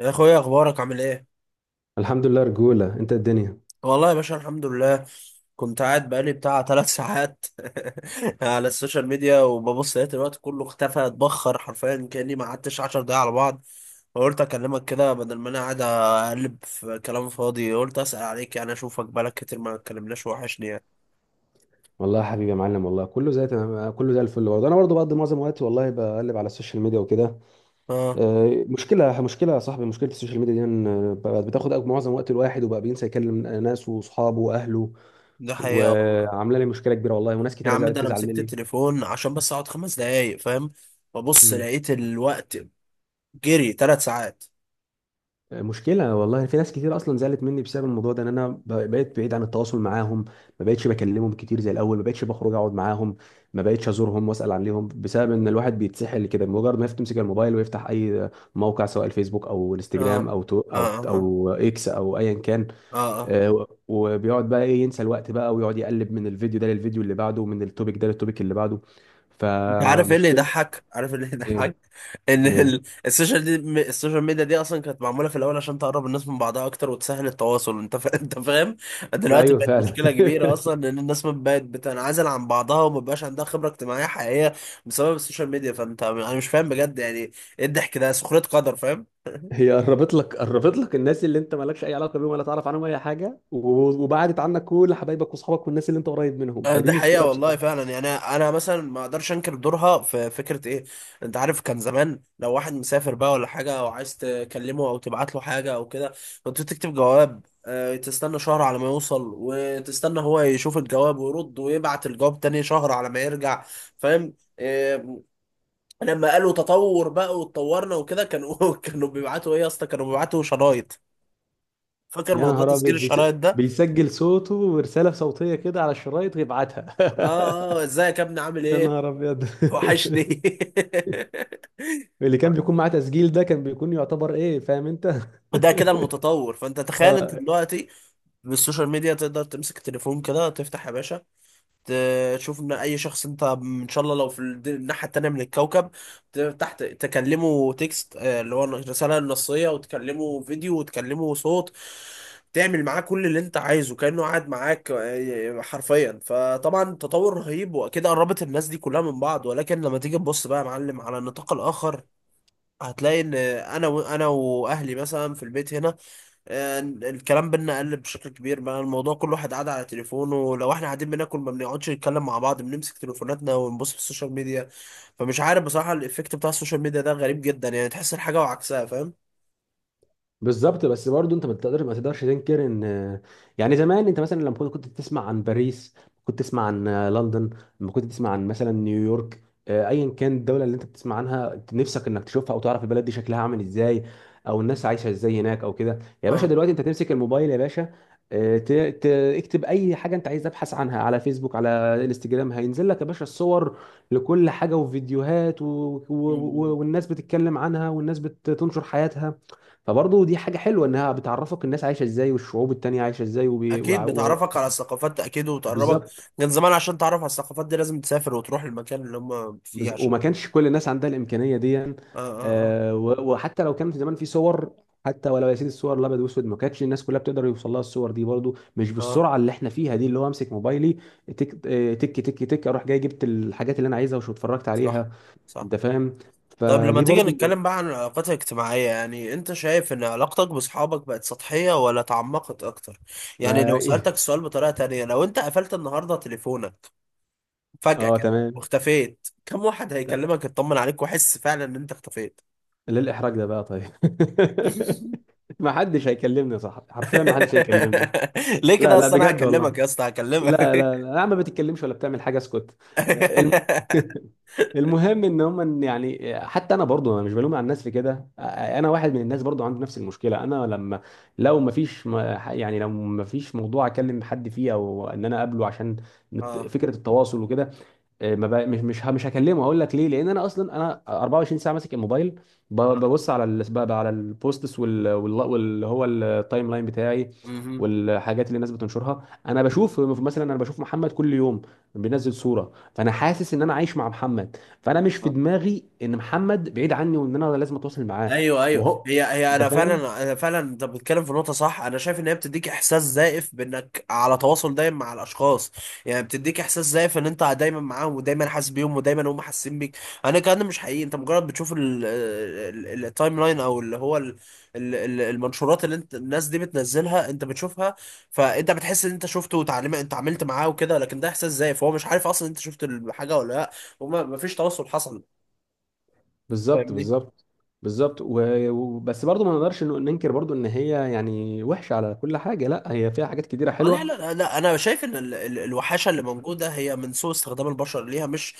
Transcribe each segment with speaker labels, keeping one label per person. Speaker 1: يا اخويا، اخبارك عامل ايه؟
Speaker 2: الحمد لله رجولة انت الدنيا.
Speaker 1: والله يا باشا، الحمد لله. كنت قاعد بقالي بتاع 3 ساعات على السوشيال ميديا وببص لقيت الوقت كله اختفى، اتبخر حرفيا، كاني ما قعدتش 10 دقايق على بعض. فقلت اكلمك كده بدل ما انا قاعد اقلب في كلام فاضي، قلت اسال عليك، يعني اشوفك، بقالك كتير ما اتكلمناش، وحشني يعني.
Speaker 2: والله يا حبيبي يا معلم، والله كله زي تمام، كله زي الفل. برضه انا برضه بقضي معظم وقتي والله بقلب على السوشيال ميديا وكده.
Speaker 1: اه.
Speaker 2: مشكلة يا صاحبي، مشكلة السوشيال ميديا دي ان بقت بتاخد معظم وقت الواحد، وبقى بينسى يكلم ناسه واصحابه واهله.
Speaker 1: ده حقيقه والله.
Speaker 2: وعاملة لي مشكلة كبيرة والله، وناس
Speaker 1: يا
Speaker 2: كتير
Speaker 1: عم، ده انا
Speaker 2: تزعل
Speaker 1: مسكت
Speaker 2: مني.
Speaker 1: التليفون عشان بس اقعد 5 دقايق، فاهم؟ ببص
Speaker 2: مم.
Speaker 1: لقيت الوقت جري 3 ساعات.
Speaker 2: مشكلة والله. في ناس كتير أصلا زعلت مني بسبب الموضوع ده، إن أنا بقيت بعيد عن التواصل معاهم. ما بقتش بكلمهم كتير زي الأول، ما بقتش بخرج أقعد معاهم، ما بقتش أزورهم وأسأل عليهم، بسبب إن الواحد بيتسحل كده بمجرد ما تمسك الموبايل ويفتح أي موقع، سواء الفيسبوك أو
Speaker 1: اه.
Speaker 2: الانستجرام أو تو أو
Speaker 1: اه اه.
Speaker 2: إكس أو أيا كان.
Speaker 1: اه اه.
Speaker 2: وبيقعد بقى إيه، ينسى الوقت بقى ويقعد يقلب من الفيديو ده للفيديو اللي بعده، ومن التوبيك ده للتوبيك اللي بعده.
Speaker 1: انت عارف ايه اللي
Speaker 2: فمشكلة.
Speaker 1: يضحك؟ عارف ايه اللي
Speaker 2: إيه.
Speaker 1: يضحك؟ ان
Speaker 2: إيه.
Speaker 1: السوشيال ميديا دي اصلا كانت معموله في الاول عشان تقرب الناس من بعضها اكتر وتسهل التواصل، انت فاهم. دلوقتي
Speaker 2: أيوه
Speaker 1: بقت
Speaker 2: فعلا.
Speaker 1: مشكله كبيره، اصلا ان الناس ما بقت بتنعزل عن بعضها وما بقاش عندها خبره اجتماعيه حقيقيه بسبب السوشيال ميديا. فانت انا مش فاهم بجد يعني، ايه الضحك ده؟ سخريه قدر، فاهم؟
Speaker 2: هي قربت لك الناس اللي انت مالكش اي علاقه بيهم ولا تعرف عنهم اي حاجه، وبعدت عنك كل حبايبك واصحابك والناس اللي انت قريب منهم، فدي
Speaker 1: ده حقيقة
Speaker 2: مشكله
Speaker 1: والله
Speaker 2: بصراحه.
Speaker 1: فعلا. يعني أنا مثلا ما أقدرش أنكر دورها في فكرة إيه. أنت عارف، كان زمان لو واحد مسافر بقى ولا حاجة، أو عايز تكلمه أو تبعت له حاجة أو كده، كنت تكتب جواب، تستنى شهر على ما يوصل، وتستنى هو يشوف الجواب ويرد ويبعت الجواب تاني شهر على ما يرجع، فاهم؟ لما قالوا تطور بقى واتطورنا وكده، كانوا كانوا بيبعتوا إيه يا اسطى؟ كانوا بيبعتوا شرايط. فاكر
Speaker 2: يا
Speaker 1: موضوع
Speaker 2: نهار
Speaker 1: تسجيل
Speaker 2: ابيض.
Speaker 1: الشرايط ده؟
Speaker 2: بيسجل صوته ورساله صوتيه كده على الشرايط ويبعتها.
Speaker 1: آه آه. إزيك يا ابني عامل
Speaker 2: يا
Speaker 1: إيه؟
Speaker 2: نهار ابيض.
Speaker 1: وحشني.
Speaker 2: اللي كان بيكون معاه تسجيل ده كان بيكون يعتبر ايه، فاهم انت.
Speaker 1: ده كده المتطور. فانت تخيل انت
Speaker 2: اه.
Speaker 1: دلوقتي بالسوشيال ميديا، تقدر تمسك التليفون كده، تفتح يا باشا، تشوف ان اي شخص انت ان شاء الله لو في الناحيه التانيه من الكوكب، تفتح تكلمه تكست، اللي هو الرساله النصيه، وتكلمه فيديو وتكلمه صوت، تعمل معاه كل اللي انت عايزه كانه قاعد معاك، حرفيا. فطبعا تطور رهيب، واكيد قربت الناس دي كلها من بعض. ولكن لما تيجي تبص بقى يا معلم على النطاق الاخر، هتلاقي ان انا واهلي مثلا في البيت هنا، الكلام بينا قل بشكل كبير. بقى الموضوع كل واحد قاعد على تليفونه، ولو احنا قاعدين بناكل ما بنقعدش نتكلم مع بعض، بنمسك تليفوناتنا ونبص في السوشيال ميديا. فمش عارف بصراحة، الايفكت بتاع السوشيال ميديا ده غريب جدا، يعني تحس الحاجة وعكسها، فاهم؟
Speaker 2: بالظبط. بس برضه انت ما تقدرش تنكر ان، يعني زمان انت مثلا لما كنت تسمع عن باريس، كنت تسمع عن لندن، لما كنت تسمع عن مثلا نيويورك، ايا كان الدوله اللي انت بتسمع عنها، نفسك انك تشوفها او تعرف البلد دي شكلها عامل ازاي، او الناس عايشه ازاي هناك او كده. يا باشا
Speaker 1: اه.
Speaker 2: دلوقتي انت تمسك الموبايل يا باشا، آه، ت- ت- اكتب اي حاجه انت عايز تبحث عنها على فيسبوك، على انستجرام، هينزل لك يا باشا الصور لكل حاجه وفيديوهات
Speaker 1: مم.
Speaker 2: والناس بتتكلم عنها والناس بتنشر حياتها. فبرضه دي حاجة حلوة، انها بتعرفك الناس عايشة ازاي والشعوب التانية عايشة ازاي
Speaker 1: اكيد بتعرفك على الثقافات، اكيد وتقربك.
Speaker 2: بالظبط.
Speaker 1: كان زمان عشان تعرف على الثقافات دي لازم تسافر وتروح المكان اللي هم فيه
Speaker 2: وما
Speaker 1: عشان...
Speaker 2: كانش كل الناس عندها الإمكانية دي.
Speaker 1: اه اه.
Speaker 2: وحتى لو كان في زمان في صور، حتى ولو يا سيدي الصور الابيض واسود، ما كانتش الناس كلها بتقدر يوصل لها الصور دي، برضو مش
Speaker 1: اه، آه.
Speaker 2: بالسرعه اللي احنا فيها دي، اللي هو امسك موبايلي تك تك تك تك، اروح جاي جبت الحاجات اللي انا عايزها وشو اتفرجت
Speaker 1: صح.
Speaker 2: عليها.
Speaker 1: صح.
Speaker 2: انت فاهم؟
Speaker 1: طب لما
Speaker 2: فدي
Speaker 1: تيجي
Speaker 2: برضو.
Speaker 1: نتكلم بقى عن العلاقات الاجتماعية، يعني انت شايف ان علاقتك بصحابك بقت سطحية ولا تعمقت اكتر؟ يعني
Speaker 2: ما
Speaker 1: لو سألتك السؤال بطريقة تانية، لو انت قفلت النهاردة تليفونك فجأة
Speaker 2: اه
Speaker 1: كده
Speaker 2: تمام.
Speaker 1: واختفيت، كم واحد هيكلمك يطمن عليك وحس فعلا ان انت اختفيت؟
Speaker 2: ليه الإحراج ده بقى طيب؟ ما حدش هيكلمني، صح؟ حرفيا ما حدش هيكلمني.
Speaker 1: ليه
Speaker 2: لا
Speaker 1: كده
Speaker 2: لا
Speaker 1: اصلا؟ انا
Speaker 2: بجد والله.
Speaker 1: هكلمك يا اسطى،
Speaker 2: لا
Speaker 1: هكلمك.
Speaker 2: لا لا يا عم ما بتتكلمش ولا بتعمل حاجة اسكت. الم... المهم ان هم، يعني حتى انا برضو انا مش بلوم على الناس في كده، انا واحد من الناس برضو عنده نفس المشكله. انا لما، لو ما فيش يعني لو ما فيش موضوع اكلم حد فيه، او ان انا اقابله عشان
Speaker 1: اه
Speaker 2: فكره التواصل وكده، إيه، ما بقى مش هكلمه. هقول لك ليه، لان انا اصلا انا 24 ساعه ماسك الموبايل،
Speaker 1: اه.
Speaker 2: ببص على بقى على البوستس واللي هو التايم لاين بتاعي
Speaker 1: مهم.
Speaker 2: والحاجات اللي الناس بتنشرها. انا بشوف مثلا، انا بشوف محمد كل يوم بينزل صوره، فانا حاسس ان انا عايش مع محمد، فانا مش في دماغي ان محمد بعيد عني وان انا لازم اتواصل معاه.
Speaker 1: ايوه ايوه.
Speaker 2: وهو
Speaker 1: هي
Speaker 2: انت
Speaker 1: انا فعلا
Speaker 2: فاهم.
Speaker 1: انا فعلا انت بتتكلم في نقطه صح. انا شايف ان هي بتديك احساس زائف بانك على تواصل دايم مع الاشخاص. يعني بتديك احساس زائف ان انت دايما معاهم، ودايما حاسس بيهم، ودايما هم حاسين بيك. انا الكلام ده مش حقيقي. انت مجرد بتشوف التايم لاين، او اللي هو المنشورات اللي انت الناس دي بتنزلها انت بتشوفها، فانت بتحس ان انت شفته وتعلم انت عملت معاه وكده. لكن ده احساس زائف، هو مش عارف اصلا انت شفت الحاجه ولا لا، وما فيش تواصل حصل،
Speaker 2: بالظبط.
Speaker 1: فاهمني؟
Speaker 2: بالظبط بالظبط. وبس برضه ما نقدرش ننكر برضه ان هي، يعني وحشه على كل حاجه لا، هي فيها حاجات كتيره
Speaker 1: لا
Speaker 2: حلوه.
Speaker 1: لا لا، انا شايف ان الوحاشه اللي موجوده هي من سوء استخدام البشر ليها، مش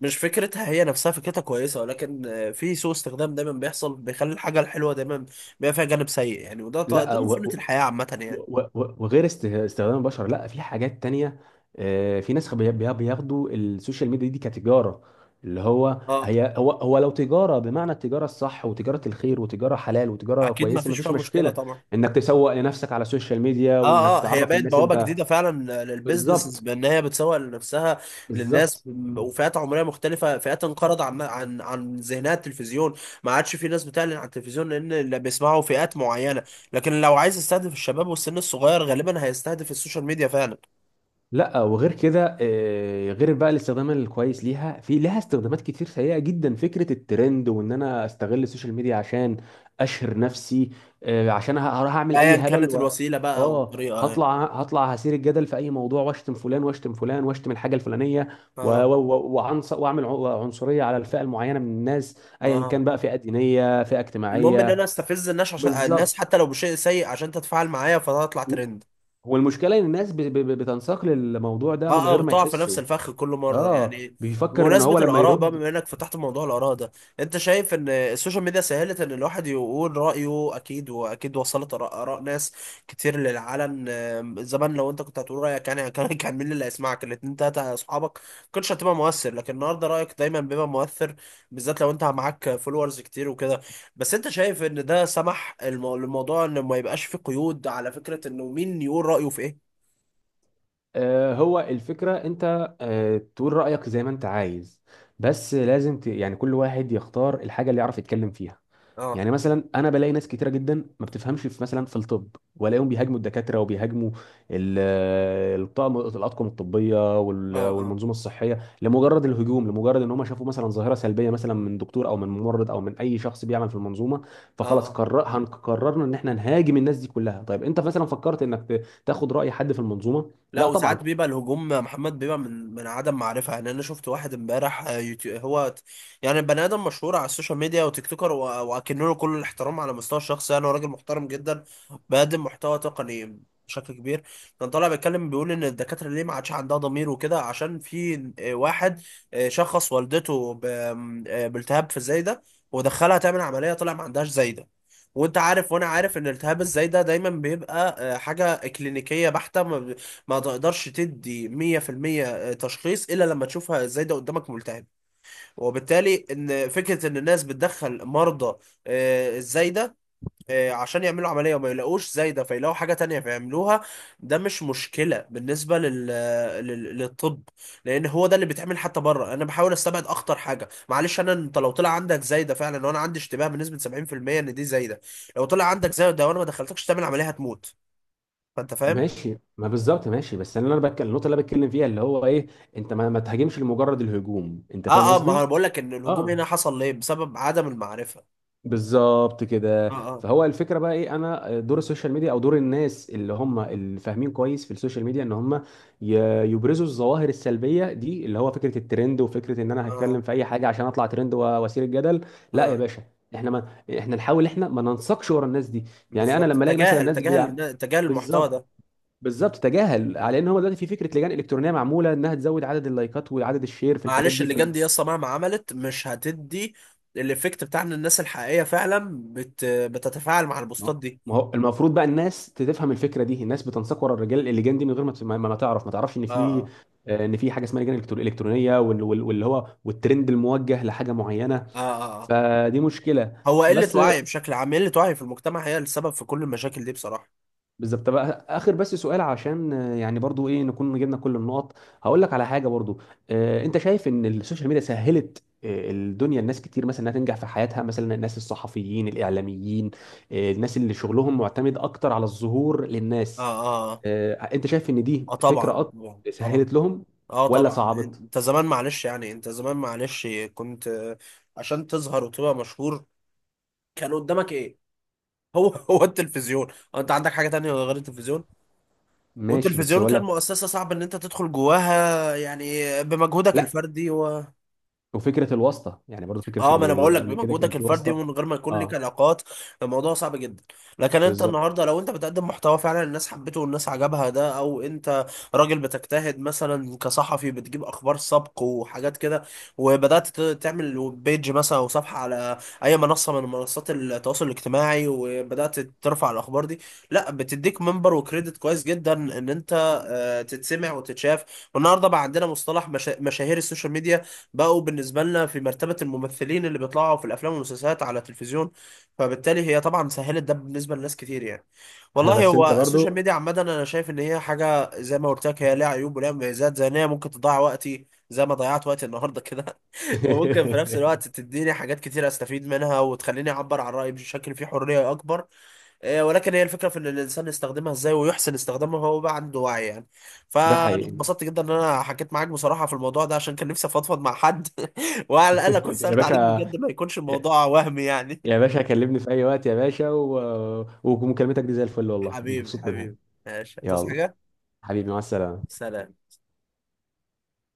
Speaker 1: مش فكرتها. هي نفسها فكرتها كويسه، ولكن في سوء استخدام دايما بيحصل بيخلي الحاجه الحلوه دايما بيبقى فيها جانب سيء يعني. وده ده
Speaker 2: لا
Speaker 1: من
Speaker 2: و...
Speaker 1: سنه
Speaker 2: و...
Speaker 1: الحياه عامه يعني.
Speaker 2: و... و- وغير استخدام البشر، لا في حاجات تانية. في ناس بياخدوا السوشيال ميديا دي كتجارة. اللي هو
Speaker 1: اه،
Speaker 2: هي هو لو تجارة بمعنى التجارة الصح، وتجارة الخير وتجارة حلال وتجارة
Speaker 1: اكيد ما
Speaker 2: كويسة،
Speaker 1: فيش
Speaker 2: مفيش
Speaker 1: فيها مشكله
Speaker 2: مشكلة
Speaker 1: طبعا.
Speaker 2: انك تسوق لنفسك على السوشيال ميديا،
Speaker 1: اه
Speaker 2: وانك
Speaker 1: اه. هي
Speaker 2: تعرف
Speaker 1: بقت
Speaker 2: الناس
Speaker 1: بوابه
Speaker 2: انت.
Speaker 1: جديده فعلا للبيزنسز
Speaker 2: بالظبط.
Speaker 1: بان هي بتسوق لنفسها للناس
Speaker 2: بالظبط.
Speaker 1: وفئات عمريه مختلفه، فئات انقرض عن ذهنها التلفزيون، ما عادش في ناس بتعلن على التلفزيون لان اللي بيسمعوا فئات معينه. لكن لو عايز يستهدف الشباب والسن الصغير، غالبا هيستهدف السوشيال ميديا فعلا.
Speaker 2: لا وغير كده، غير بقى الاستخدام الكويس ليها، في لها استخدامات كتير سيئة جدا. فكرة الترند، وان انا استغل السوشيال ميديا عشان اشهر نفسي، عشان هروح اعمل
Speaker 1: ايا
Speaker 2: اي هبل
Speaker 1: كانت
Speaker 2: و...
Speaker 1: الوسيله بقى او
Speaker 2: اه
Speaker 1: الطريقه يعني.
Speaker 2: هطلع، هطلع هثير الجدل في اي موضوع، واشتم فلان واشتم فلان واشتم الحاجة الفلانية
Speaker 1: اه
Speaker 2: واعمل عنصرية على الفئة المعينة من الناس، ايا
Speaker 1: اه.
Speaker 2: كان بقى، فئة دينية فئة
Speaker 1: المهم ان
Speaker 2: اجتماعية.
Speaker 1: انا استفز الناس، عشان
Speaker 2: بالظبط.
Speaker 1: الناس حتى لو بشيء سيء عشان تتفاعل معايا فهتطلع
Speaker 2: و-
Speaker 1: ترند.
Speaker 2: والمشكلة ان الناس بتنساق للموضوع ده
Speaker 1: اه
Speaker 2: من
Speaker 1: اه.
Speaker 2: غير ما
Speaker 1: بتقع في نفس
Speaker 2: يحسوا.
Speaker 1: الفخ كل مره
Speaker 2: اه
Speaker 1: يعني.
Speaker 2: بيفكر ان
Speaker 1: بمناسبه
Speaker 2: هو لما
Speaker 1: الاراء بقى،
Speaker 2: يرد.
Speaker 1: بما انك فتحت موضوع الاراء ده، انت شايف ان السوشيال ميديا سهلت ان الواحد يقول رايه؟ اكيد. واكيد وصلت آراء ناس كتير للعلن. زمان لو انت كنت هتقول رايك يعني، كان كان مين اللي هيسمعك؟ الاتنين تلاته اصحابك، ما كنتش هتبقى مؤثر. لكن النهارده رايك دايما بيبقى مؤثر، بالذات لو انت معاك فولورز كتير وكده. بس انت شايف ان ده سمح للموضوع ان ما يبقاش فيه قيود على فكره انه مين يقول رايه في ايه؟
Speaker 2: هو الفكرة انت، تقول رأيك زي ما انت عايز، بس لازم يعني كل واحد يختار الحاجة اللي يعرف يتكلم فيها.
Speaker 1: اه
Speaker 2: يعني مثلا انا بلاقي ناس كتيرة جدا ما بتفهمش في مثلا في الطب، والاقيهم بيهاجموا الدكاترة وبيهاجموا الطاقم، الاطقم الطبية
Speaker 1: اه. اه
Speaker 2: والمنظومة الصحية، لمجرد الهجوم، لمجرد ان هم شافوا مثلا ظاهرة سلبية مثلا من دكتور او من ممرض او من اي شخص بيعمل في المنظومة،
Speaker 1: اه.
Speaker 2: فخلاص
Speaker 1: آه.
Speaker 2: قرر هنقررنا ان احنا نهاجم الناس دي كلها. طيب انت مثلا فكرت انك تاخد رأي حد في المنظومة؟
Speaker 1: لا،
Speaker 2: لا طبعا.
Speaker 1: وساعات بيبقى الهجوم محمد بيبقى من عدم معرفة يعني. أنا شفت واحد امبارح، يعني بني آدم مشهور على السوشيال ميديا وتيك توكر، وأكن له كل الاحترام على مستوى الشخصي يعني، هو راجل محترم جدا، بيقدم محتوى تقني بشكل كبير. كان طالع بيتكلم بيقول إن الدكاترة ليه ما عادش عندها ضمير وكده، عشان في واحد، شخص والدته بالتهاب في الزايدة، ودخلها تعمل عملية، طلع ما عندهاش زايدة. وانت عارف وانا عارف ان التهاب الزايدة دايما بيبقى حاجة كلينيكية بحتة، ما تقدرش تدي 100% تشخيص الا لما تشوفها ازاي ده قدامك ملتهب. وبالتالي ان فكره ان الناس بتدخل مرضى الزايده، عشان يعملوا عمليه وما يلاقوش زايده، فيلاقوا حاجه تانية فيعملوها، ده مش مشكله بالنسبه للطب، لان هو ده اللي بيتعمل حتى بره. انا بحاول استبعد اخطر حاجه، معلش. انا انت لو طلع عندك زايده فعلا، وانا عندي اشتباه بنسبه 70% ان دي زايده، لو طلع عندك زايده وانا ما دخلتكش تعمل عمليه هتموت، فانت فاهم.
Speaker 2: ماشي. ما بالظبط. ماشي. بس انا، انا بتكلم النقطه اللي انا بتكلم فيها اللي هو ايه، انت ما تهاجمش لمجرد الهجوم. انت فاهم
Speaker 1: اه اه. ما انا
Speaker 2: قصدي؟
Speaker 1: بقول لك ان الهجوم
Speaker 2: اه.
Speaker 1: هنا حصل ليه بسبب عدم المعرفه.
Speaker 2: بالظبط
Speaker 1: اه
Speaker 2: كده.
Speaker 1: اه.
Speaker 2: فهو الفكره بقى ايه، انا دور السوشيال ميديا او دور الناس اللي هم اللي فاهمين كويس في السوشيال ميديا، ان هم يبرزوا الظواهر السلبيه دي، اللي هو فكره الترند وفكره ان انا
Speaker 1: اه
Speaker 2: هتكلم في اي حاجه عشان اطلع ترند واثير الجدل. لا يا
Speaker 1: اه.
Speaker 2: باشا. احنا ما احنا نحاول، احنا ما ننساقش ورا الناس دي. يعني انا
Speaker 1: بالظبط،
Speaker 2: لما الاقي مثلا
Speaker 1: تجاهل
Speaker 2: ناس
Speaker 1: تجاهل تجاهل المحتوى
Speaker 2: بالظبط.
Speaker 1: ده.
Speaker 2: بالظبط. تجاهل. على ان هو دلوقتي في فكره لجان الكترونيه معموله انها تزود عدد اللايكات وعدد الشير في الحاجات
Speaker 1: معلش
Speaker 2: دي
Speaker 1: اللجان دي يسطا مهما عملت مش هتدي الايفكت بتاع ان الناس الحقيقيه فعلا بتتفاعل مع
Speaker 2: ما
Speaker 1: البوستات
Speaker 2: هو
Speaker 1: دي.
Speaker 2: ما هو المفروض بقى الناس تفهم الفكره دي، الناس بتنساق ورا الرجال، اللجان دي، من غير ما ما تعرف، ما تعرفش ان
Speaker 1: اه
Speaker 2: في،
Speaker 1: اه.
Speaker 2: ان في حاجه اسمها لجان الكترونيه واللي هو والترند الموجه لحاجه معينه.
Speaker 1: اه اه. اه.
Speaker 2: فدي مشكله
Speaker 1: هو قله
Speaker 2: بس.
Speaker 1: وعي بشكل عام، قله وعي في المجتمع هي السبب في كل المشاكل دي بصراحه.
Speaker 2: بالظبط. بقى اخر بس سؤال، عشان يعني برضو ايه نكون جبنا كل النقط، هقول لك على حاجه برضو. انت شايف ان السوشيال ميديا سهلت الدنيا، الناس كتير مثلا انها تنجح في حياتها، مثلا الناس الصحفيين الاعلاميين، الناس اللي شغلهم معتمد اكتر على الظهور
Speaker 1: اه
Speaker 2: للناس،
Speaker 1: اه. اه.
Speaker 2: انت شايف ان دي فكره
Speaker 1: طبعا
Speaker 2: اكتر
Speaker 1: طبعا طبعا.
Speaker 2: سهلت لهم
Speaker 1: اه
Speaker 2: ولا
Speaker 1: طبعا.
Speaker 2: صعبت؟
Speaker 1: انت زمان معلش يعني، انت زمان معلش كنت عشان تظهر وتبقى مشهور، كان قدامك ايه؟ هو هو التلفزيون، هو انت عندك حاجة تانية غير التلفزيون؟
Speaker 2: ماشي بس
Speaker 1: والتلفزيون
Speaker 2: بقول
Speaker 1: كان
Speaker 2: لك.
Speaker 1: مؤسسة صعب ان انت تدخل جواها يعني بمجهودك
Speaker 2: لا
Speaker 1: الفردي.
Speaker 2: وفكره الواسطه، يعني برضو فكره
Speaker 1: اه،
Speaker 2: ان
Speaker 1: ما انا بقول لك
Speaker 2: قبل كده كان
Speaker 1: بمجهودك
Speaker 2: في
Speaker 1: الفردي،
Speaker 2: واسطه.
Speaker 1: ومن غير ما يكون ليك
Speaker 2: اه
Speaker 1: علاقات الموضوع صعب جدا. لكن انت
Speaker 2: بالظبط.
Speaker 1: النهارده لو انت بتقدم محتوى فعلا الناس حبته والناس عجبها ده، او انت راجل بتجتهد مثلا كصحفي، بتجيب اخبار سبق وحاجات كده، وبدات تعمل بيج مثلا او صفحه على اي منصه من منصات التواصل الاجتماعي، وبدات ترفع الاخبار دي، لا بتديك منبر وكريدت كويس جدا ان انت تتسمع وتتشاف. والنهارده بقى عندنا مصطلح مشاهير السوشيال ميديا، بقوا بالنسبة لنا في مرتبة الممثلين اللي بيطلعوا في الأفلام والمسلسلات على التلفزيون. فبالتالي هي طبعا سهلت ده بالنسبة لناس كتير يعني. والله
Speaker 2: بس انت
Speaker 1: هو
Speaker 2: برضو
Speaker 1: السوشيال ميديا عامة، أنا شايف إن هي حاجة زي ما قلت لك، هي ليها عيوب وليها مميزات، زي إن هي ممكن تضيع وقتي زي ما ضيعت وقتي النهاردة كده، وممكن في نفس الوقت تديني حاجات كتير أستفيد منها، وتخليني أعبر عن رأيي بشكل فيه حرية أكبر. ولكن هي الفكرة في إن الإنسان يستخدمها إزاي، ويحسن استخدامها، هو بقى عنده وعي يعني.
Speaker 2: ده
Speaker 1: فأنا
Speaker 2: حقيقي.
Speaker 1: اتبسطت جدا إن أنا حكيت معاك بصراحة في الموضوع ده، عشان كان نفسي أفضفض مع حد، وعلى الأقل أكون
Speaker 2: يا
Speaker 1: سألت
Speaker 2: باشا،
Speaker 1: عليك بجد، ما يكونش
Speaker 2: يا،
Speaker 1: الموضوع وهمي يعني.
Speaker 2: يا باشا كلمني في اي وقت يا باشا، و... ومكالمتك دي زي الفل والله،
Speaker 1: حبيبي
Speaker 2: مبسوط منها.
Speaker 1: حبيبي، ماشي، تصحى
Speaker 2: يلا
Speaker 1: حاجة؟
Speaker 2: حبيبي، مع السلامة.
Speaker 1: سلام.